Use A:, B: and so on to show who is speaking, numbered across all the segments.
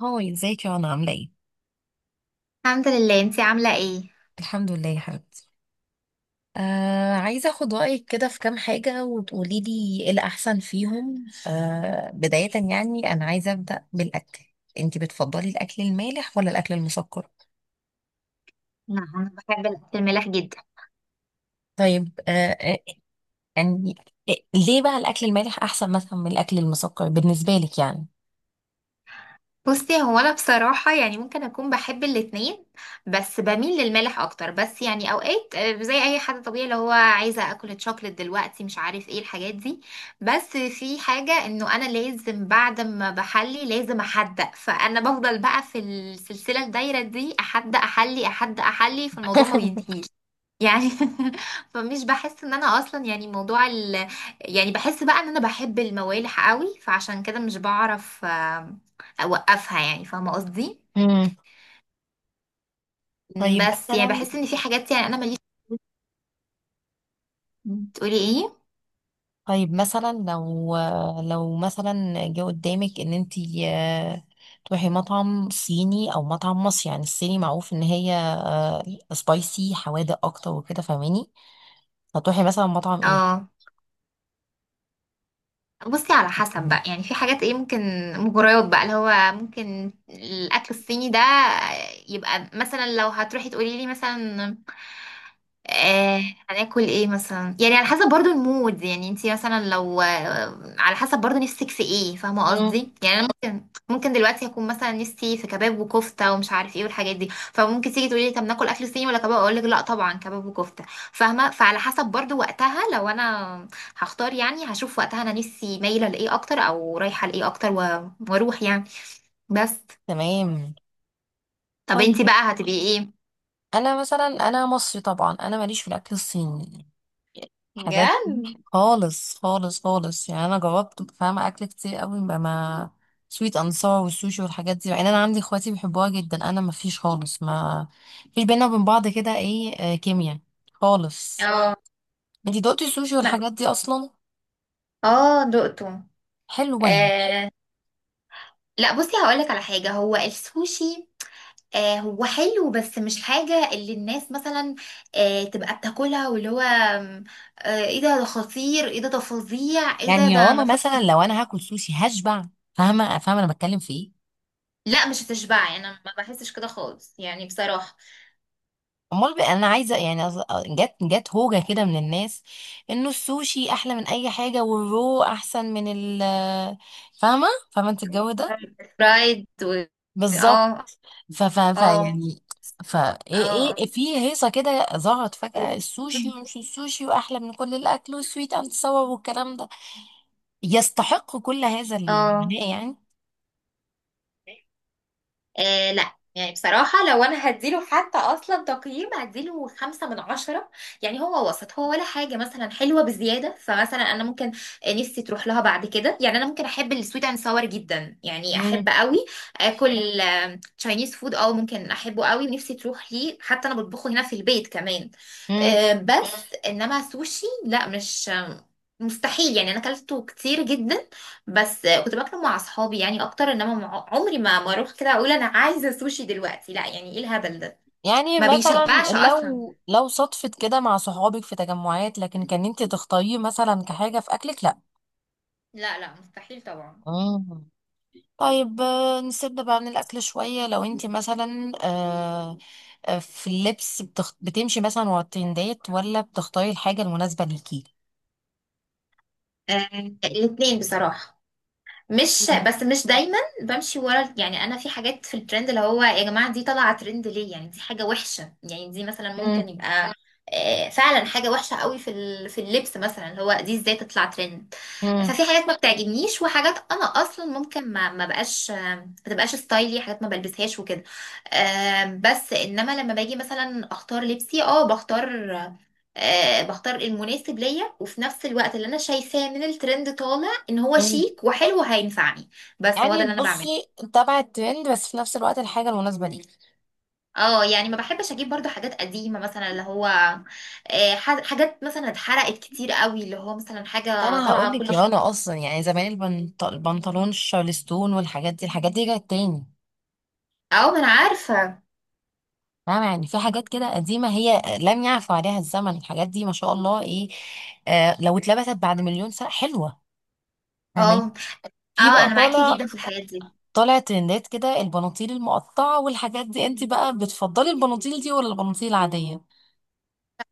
A: هاي، ازيك يا رنا؟ عاملة ايه؟
B: الحمد لله، انتي عاملة ايه؟
A: الحمد لله يا حبيبتي. عايزة اخد رأيك كده في كام حاجة وتقولي لي ايه الأحسن فيهم. بداية يعني أنا عايزة أبدأ بالأكل. انتي بتفضلي الأكل المالح ولا الأكل المسكر؟
B: نعم، انا بحب الاكل المالح جدا.
A: طيب. آه، يعني ليه بقى الأكل المالح أحسن مثلا من الأكل المسكر بالنسبة لك يعني؟
B: بصي، هو انا بصراحه يعني ممكن اكون بحب الاتنين، بس بميل للمالح اكتر. بس يعني اوقات، زي اي حد طبيعي اللي هو عايزه اكل تشوكلت دلوقتي، مش عارف ايه الحاجات دي. بس في حاجه انه انا لازم بعد ما بحلي لازم احدق، فانا بفضل بقى في السلسله الدايره دي احدق احلي احدق احلي فالموضوع ما بينتهيش، يعني. فمش بحس ان انا اصلا يعني يعني بحس بقى ان انا بحب الموالح قوي، فعشان كده مش بعرف اوقفها، يعني فاهمه قصدي.
A: امم طيب
B: بس يعني
A: مثلا.
B: بحس ان في حاجات يعني انا ماليش. تقولي ايه؟
A: طيب مثلا لو مثلا جه قدامك ان انتي تروحي مطعم صيني او مطعم مصري، يعني الصيني معروف ان هي سبايسي حوادق اكتر وكده، فاهماني؟ هتروحي مثلا مطعم ايه؟
B: اه. بصي، على حسب بقى. يعني في حاجات ايه ممكن مغريات بقى، اللي هو ممكن الاكل الصيني ده يبقى، مثلا لو هتروحي تقولي لي مثلا آه هناكل ايه مثلا، يعني على حسب برضو المود. يعني انتي مثلا لو، على حسب برضو نفسك في ايه، فاهمه
A: مم.
B: قصدي؟ يعني انا ممكن دلوقتي اكون مثلا نفسي في كباب وكفته ومش عارف ايه والحاجات دي، فممكن تيجي تقولي لي طب ناكل اكل صيني ولا كباب، اقول لك لا طبعا كباب وكفته. فاهمه؟ فعلى حسب برضو وقتها، لو انا هختار يعني هشوف وقتها انا نفسي مايله لايه اكتر او رايحه لايه اكتر، و- واروح يعني. بس
A: تمام.
B: طب
A: طيب
B: انتي بقى هتبقي ايه؟
A: انا مثلا، انا مصري طبعا، انا ماليش في الاكل الصيني، حاجات دي
B: بجد.
A: خالص خالص خالص. يعني انا جربت، فاهمه، اكل كتير قوي بقى، ما سويت انصار والسوشي والحاجات دي. يعني انا عندي اخواتي بيحبوها جدا، انا ما فيش خالص، ما فيش بينا وبين بعض كده ايه، آه، كيمياء خالص.
B: اه
A: انتي دقتي السوشي والحاجات دي اصلا؟
B: اه دقته.
A: حلو ولا؟
B: آه. لا بصي، هقولك على حاجة. هو السوشي هو حلو، بس مش حاجة اللي الناس مثلا تبقى بتاكلها، واللي هو آه، ايه ده ده خطير، ايه ده ده فظيع، ايه ده
A: يعني يا
B: ده
A: ماما،
B: مفيش.
A: مثلا لو انا هاكل سوشي هشبع، فاهمه؟ فاهمه انا بتكلم في ايه؟
B: لا مش هتشبعي، انا ما بحسش كده خالص يعني بصراحة.
A: امال بقى انا عايزه، يعني جت هوجه كده من الناس انه السوشي احلى من اي حاجه، والرو احسن من فاهمه؟ فاهمه انت الجو ده؟
B: فرايد و...
A: بالظبط.
B: اه
A: ف ف ف
B: اه
A: يعني ف ايه. ايه
B: اه
A: إيه، في هيصه كده ظهرت فجاه السوشي، ومش السوشي واحلى من كل الاكل، والسويت اند ساور والكلام ده يستحق كل هذا
B: اه.
A: العناء يعني.
B: آه. لا يعني بصراحة، لو أنا هديله حتى أصلا تقييم، هديله 5/10. يعني هو وسط، هو ولا حاجة مثلا حلوة بزيادة. فمثلا أنا ممكن نفسي تروح لها بعد كده. يعني أنا ممكن أحب السويت أند ساور جدا، يعني أحب
A: امم،
B: قوي آكل تشاينيز فود. اه ممكن احبه قوي ونفسي تروح ليه، حتى انا بطبخه هنا في البيت كمان.
A: امم.
B: بس انما سوشي لا، مش مستحيل يعني، انا اكلته كتير جدا، بس كنت باكله مع اصحابي يعني اكتر. انما عمري ما اروح كده اقول انا عايزه سوشي دلوقتي، لا يعني ايه الهبل ده،
A: يعني
B: ما
A: مثلا
B: بيشبعش اصلا.
A: لو صدفت كده مع صحابك في تجمعات، لكن كان انت تختاريه مثلا كحاجه في اكلك لا؟
B: لا لا مستحيل طبعا.
A: مم. طيب، نسيبنا بقى من الأكل شوية. لو انت مثلا في اللبس، بتمشي مثلا ورا الترندات ولا بتختاري الحاجة المناسبة ليكي؟
B: آه، الاتنين بصراحه، مش
A: مم.
B: بس مش دايما بمشي ورا. يعني انا في حاجات في الترند اللي هو يا جماعه دي طالعه ترند ليه؟ يعني دي حاجه وحشه، يعني دي مثلا ممكن
A: مم.
B: يبقى فعلا حاجه وحشه قوي في في اللبس، مثلا اللي هو دي ازاي تطلع ترند.
A: مم.
B: ففي حاجات ما بتعجبنيش، وحاجات انا اصلا ممكن ما ما بقاش آه، ما تبقاش ستايلي، حاجات ما بلبسهاش وكده. بس انما لما باجي مثلا اختار لبسي، بختار المناسب ليا، وفي نفس الوقت اللي انا شايفاه من الترند طالع ان هو
A: مم.
B: شيك وحلو هينفعني. بس هو ده
A: يعني
B: اللي انا بعمله.
A: بصي، تبع الترند بس في نفس الوقت الحاجة المناسبة ليكي.
B: اه يعني ما بحبش اجيب برضو حاجات قديمه، مثلا اللي هو حاجات مثلا اتحرقت كتير قوي، اللي هو مثلا حاجه
A: انا هقول
B: طالعه كل
A: لك، يا
B: شويه.
A: انا اصلا يعني زمان، البنطلون الشارلستون والحاجات دي، الحاجات دي جت تاني.
B: اه ما انا عارفه.
A: فاهمة؟ يعني في حاجات كده قديمة هي لم يعفو عليها الزمن، الحاجات دي ما شاء الله ايه، لو اتلبست بعد مليون سنة حلوة. فاهمين؟
B: اه
A: في
B: اه،
A: بقى
B: انا معاكي
A: طالع،
B: جدا في الحاجات دي.
A: طالع ترندات كده البناطيل المقطعة والحاجات دي، انت بقى بتفضلي البناطيل دي ولا البناطيل العادية؟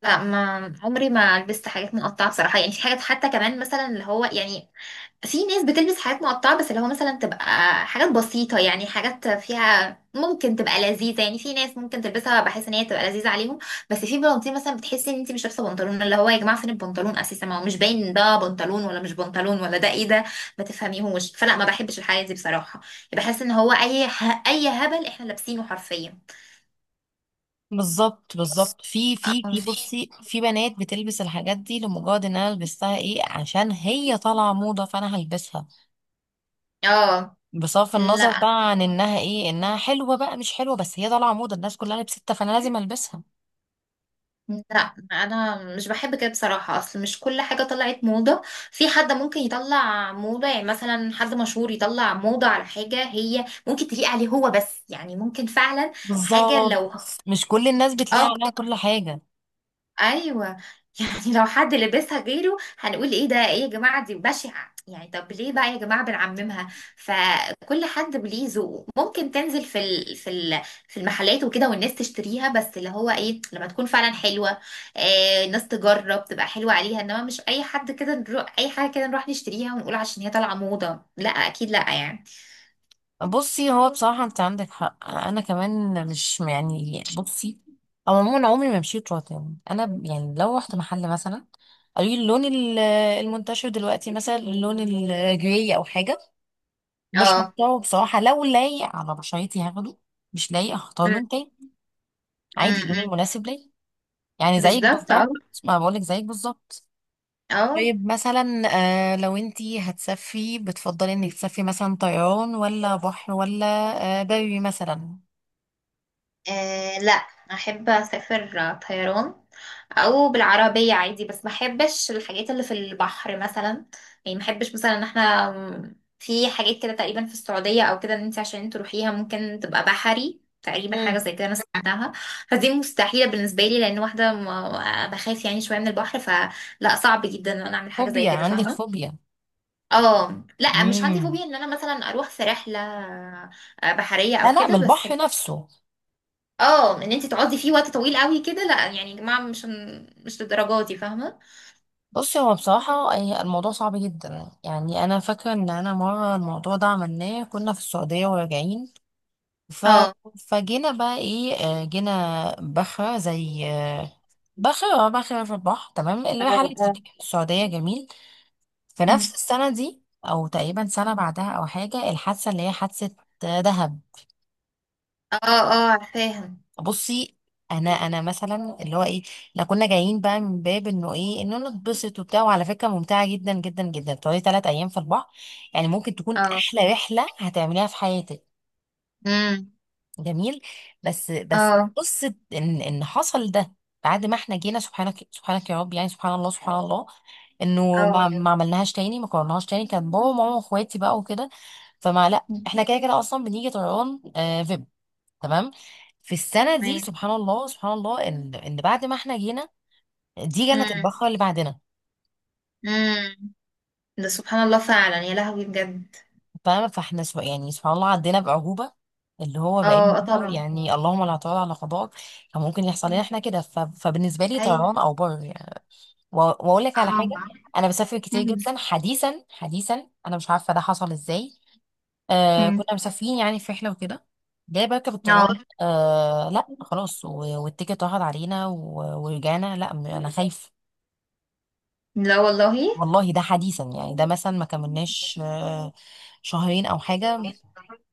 B: لا، ما عمري ما لبست حاجات مقطعه بصراحه. يعني في حاجات حتى كمان مثلا اللي هو يعني، في ناس بتلبس حاجات مقطعة بس اللي هو مثلا تبقى حاجات بسيطة، يعني حاجات فيها ممكن تبقى لذيذة، يعني في ناس ممكن تلبسها بحيث ان هي تبقى لذيذة عليهم. بس في بناطيل مثلا بتحسي ان انت مش لابسة بنطلون، اللي هو يا جماعة فين البنطلون اساسا؟ ما هو مش باين ده بنطلون ولا مش بنطلون، ولا ده ايه ده ما تفهميهوش. فلا، ما بحبش الحاجة دي بصراحة. بحس ان هو اي هبل احنا لابسينه حرفيا.
A: بالظبط
B: بس
A: بالظبط. في في
B: اه
A: في
B: في.
A: بصي، في بنات بتلبس الحاجات دي لمجرد ان انا لبستها ايه، عشان هي طالعة موضة فانا هلبسها،
B: آه.
A: بصرف النظر
B: لا
A: بقى عن انها ايه، انها حلوة بقى مش حلوة، بس هي طالعة موضة الناس كلها لبستها فانا لازم البسها.
B: لا، انا مش بحب كده بصراحه. اصل مش كل حاجه طلعت موضه، في حد ممكن يطلع موضه. يعني مثلا حد مشهور يطلع موضه على حاجه هي ممكن تليق عليه هو بس، يعني ممكن فعلا حاجه
A: بالظبط،
B: لو.
A: مش كل الناس بتلاقي
B: اه،
A: عليها كل حاجة.
B: ايوه. يعني لو حد لبسها غيره هنقول ايه ده، ايه يا جماعه دي بشعه، يعني طب ليه بقى يا جماعه بنعممها؟ فكل حد ليه ذوقه، ممكن تنزل في المحلات وكده والناس تشتريها، بس اللي هو ايه، لما تكون فعلا حلوه، الناس تجرب تبقى حلوه عليها. انما مش اي حد كده نروح اي حاجه كده نروح نشتريها ونقول عشان هي طالعه موضه، لا اكيد لا يعني.
A: بصي هو بصراحة، انت عندك حق، انا كمان مش يعني، بصي، او عموما عمري ما مشيت روتين. انا يعني لو رحت محل مثلا، قالوا لي اللون المنتشر دلوقتي مثلا اللون الجراي او حاجة، مش
B: اه.
A: مختاره بصراحة. لو لايق على بشرتي هاخده، مش لايق هختار
B: أم،
A: لون تاني،
B: أم،
A: عادي، اللون
B: أم.
A: المناسب ليا. يعني زيك
B: بالظبط اه.
A: بالظبط. ما بقولك زيك بالظبط.
B: اه.
A: طيب مثلا، لو انتي هتسافري بتفضلي انك تسافري مثلا طيران ولا بحر ولا بري مثلا؟
B: لا، احب اسافر طيران او بالعربيه عادي، بس ما احبش الحاجات اللي في البحر مثلا. يعني ما احبش مثلا ان احنا في حاجات كده تقريبا في السعوديه او كده، ان انت عشان تروحيها ممكن تبقى بحري تقريبا، حاجه
A: مم.
B: زي كده انا سمعتها. فدي مستحيله بالنسبه لي، لان بخاف يعني شويه من البحر، فلا صعب جدا ان انا اعمل حاجه زي
A: فوبيا،
B: كده،
A: عندك
B: فاهمه؟
A: فوبيا؟
B: اه لا، مش عندي
A: امم.
B: فوبيا ان انا مثلا اروح في رحله بحريه
A: لا
B: او
A: لا، من
B: كده، بس
A: البحر نفسه.
B: اه ان انت تقعدي فيه وقت طويل قوي كده لا، يعني يا جماعه مش للدرجه دي فاهمه.
A: بصي هو بصراحة، الموضوع صعب جدا. يعني أنا فاكرة إن أنا مرة الموضوع ده عملناه، كنا في السعودية وراجعين، ف...
B: اه
A: فجينا بقى إيه، جينا بخرة زي بخرة في البحر، تمام،
B: اه
A: اللي رحلت
B: اه.
A: السعودية. جميل. في
B: مم.
A: نفس السنة دي أو تقريبا سنة بعدها أو حاجة، الحادثة اللي هي حادثة دهب.
B: اه اه عارفاها.
A: بصي، انا مثلا اللي هو ايه، لو كنا جايين بقى من باب انه ايه، انه نتبسط وبتاع، وعلى فكره ممتعه جدا جدا جدا تقعدي 3 ايام في البحر، يعني ممكن تكون
B: اه.
A: احلى رحله هتعمليها في حياتك.
B: امم.
A: جميل. بس بس
B: اه
A: قصه ان حصل ده بعد ما احنا جينا، سبحانك سبحانك يا رب، يعني سبحان الله سبحان الله، انه ما
B: اه
A: ما عملناهاش تاني، ما كررناهاش تاني. كان بابا وماما واخواتي بقى وكده. فما لا، احنا كده كده اصلا بنيجي طيران. تمام. في السنه دي
B: تمام.
A: سبحان الله سبحان الله ان بعد ما احنا جينا، دي جنه
B: امم.
A: البقاء اللي بعدنا.
B: امم. ده سبحان الله فعلا، يا لهوي بجد.
A: تمام. فاحنا سو، يعني سبحان الله، عدينا بعجوبه، اللي هو بقينا
B: اه اه
A: نقول
B: طبعا.
A: يعني اللهم لا تعود على قضاءك. كان ممكن يحصل لنا
B: مم.
A: احنا كده. فبالنسبه لي
B: ايوه.
A: طيران او بر يعني. واقول لك على
B: اه.
A: حاجه، انا بسافر كتير
B: مم.
A: جدا حديثا حديثا، انا مش عارفه ده حصل ازاي.
B: مم.
A: كنا مسافرين يعني في رحله وكده، جاي بركب الطيران،
B: اه
A: لا خلاص، والتيكت اتاخد علينا، ورجعنا. لا، انا خايفه.
B: لا والله.
A: والله، ده حديثا يعني، ده مثلا ما كملناش شهرين او حاجه،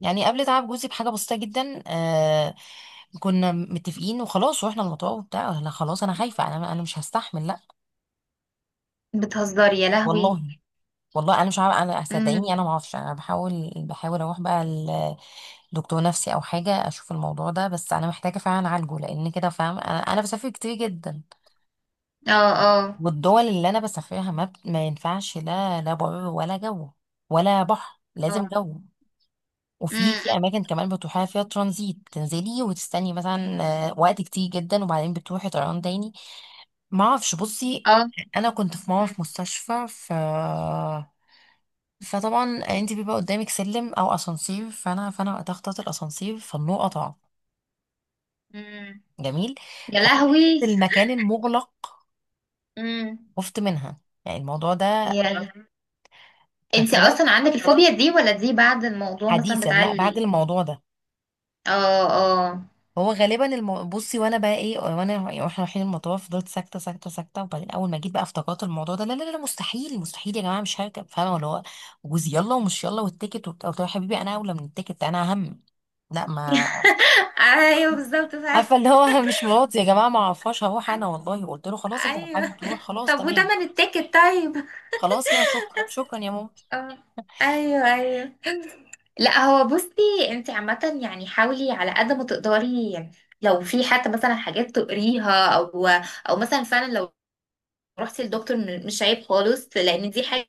A: يعني قبل تعب جوزي بحاجه بسيطه جدا. كنا متفقين وخلاص، رحنا المطار وبتاع، انا خلاص، انا خايفه، انا مش هستحمل، لا
B: بتهزري يا لهوي.
A: والله. والله انا مش عارفه، انا صدقيني انا
B: امم.
A: ما اعرفش. انا بحاول بحاول اروح بقى لدكتور نفسي او حاجه اشوف الموضوع ده، بس انا محتاجه فعلا اعالجه لان كده، فاهم، انا بسافر كتير جدا.
B: اه اه
A: والدول اللي انا بسافرها ما، ما ينفعش، لا لا بر ولا جو، ولا بحر،
B: اه.
A: لازم جو. وفي
B: امم.
A: اماكن كمان بتروحيها فيها ترانزيت، تنزلي وتستني مثلا وقت كتير جدا، وبعدين بتروحي طيران تاني. ما اعرفش، بصي،
B: اه.
A: انا كنت في مره
B: مم.
A: في مستشفى، فطبعا انت بيبقى قدامك سلم او اسانسير، فانا وقتها اخترت الاسانسير، فالنور قطع.
B: مم.
A: جميل.
B: يا
A: فخفت،
B: لهوي.
A: المكان المغلق،
B: امم.
A: خفت منها يعني الموضوع ده،
B: يا، انت
A: ففضلت.
B: اصلا عندك الفوبيا دي، ولا دي بعد الموضوع مثلا
A: حديثا،
B: بتاع
A: لا، بعد
B: اللي؟
A: الموضوع ده.
B: اه. اه.
A: هو غالبا بصي، وانا بقى ايه، وانا يعني واحنا رايحين المطار فضلت ساكته ساكته ساكته، وبعدين اول ما جيت بقى افتكرت الموضوع ده. لا لا لا، مستحيل مستحيل، يا جماعه مش هركب، فاهمه؟ ولا هو جوزي، يلا ومش يلا والتيكت وبتاع، قلت له يا حبيبي، انا اولى من التيكت، انا اهم. لا، ما
B: ايوه بالظبط فعلا.
A: عارفه اللي هو مش مراتي يا جماعه، ما اعرفهاش، هروح انا، والله، قلت له خلاص، انت لو
B: ايوه.
A: حابب تروح خلاص،
B: طب
A: تمام.
B: وتمن التيكت طيب؟
A: خلاص كده، شكرا شكرا يا ماما.
B: اه ايوه ايوه. لا هو، بصي انت عامة يعني حاولي على قد ما تقدري، يعني لو في حتى مثلا حاجات تقريها، او مثلا فعلا لو رحتي للدكتور، مش عيب خالص لان دي حاجة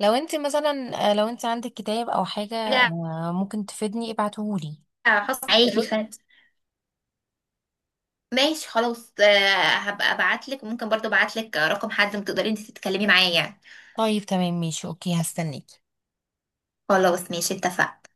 A: لو انت مثلا لو انت عندك كتاب او حاجه ممكن تفيدني ابعتهولي.
B: خاصة، عادي. ماشي خلاص. هبقى ابعتلك. ممكن برضو ابعتلك رقم حد ما تقدري انت تتكلمي معاه، يعني.
A: طيب تمام، ماشي، اوكي، هستناك.
B: خلاص ماشي اتفقنا.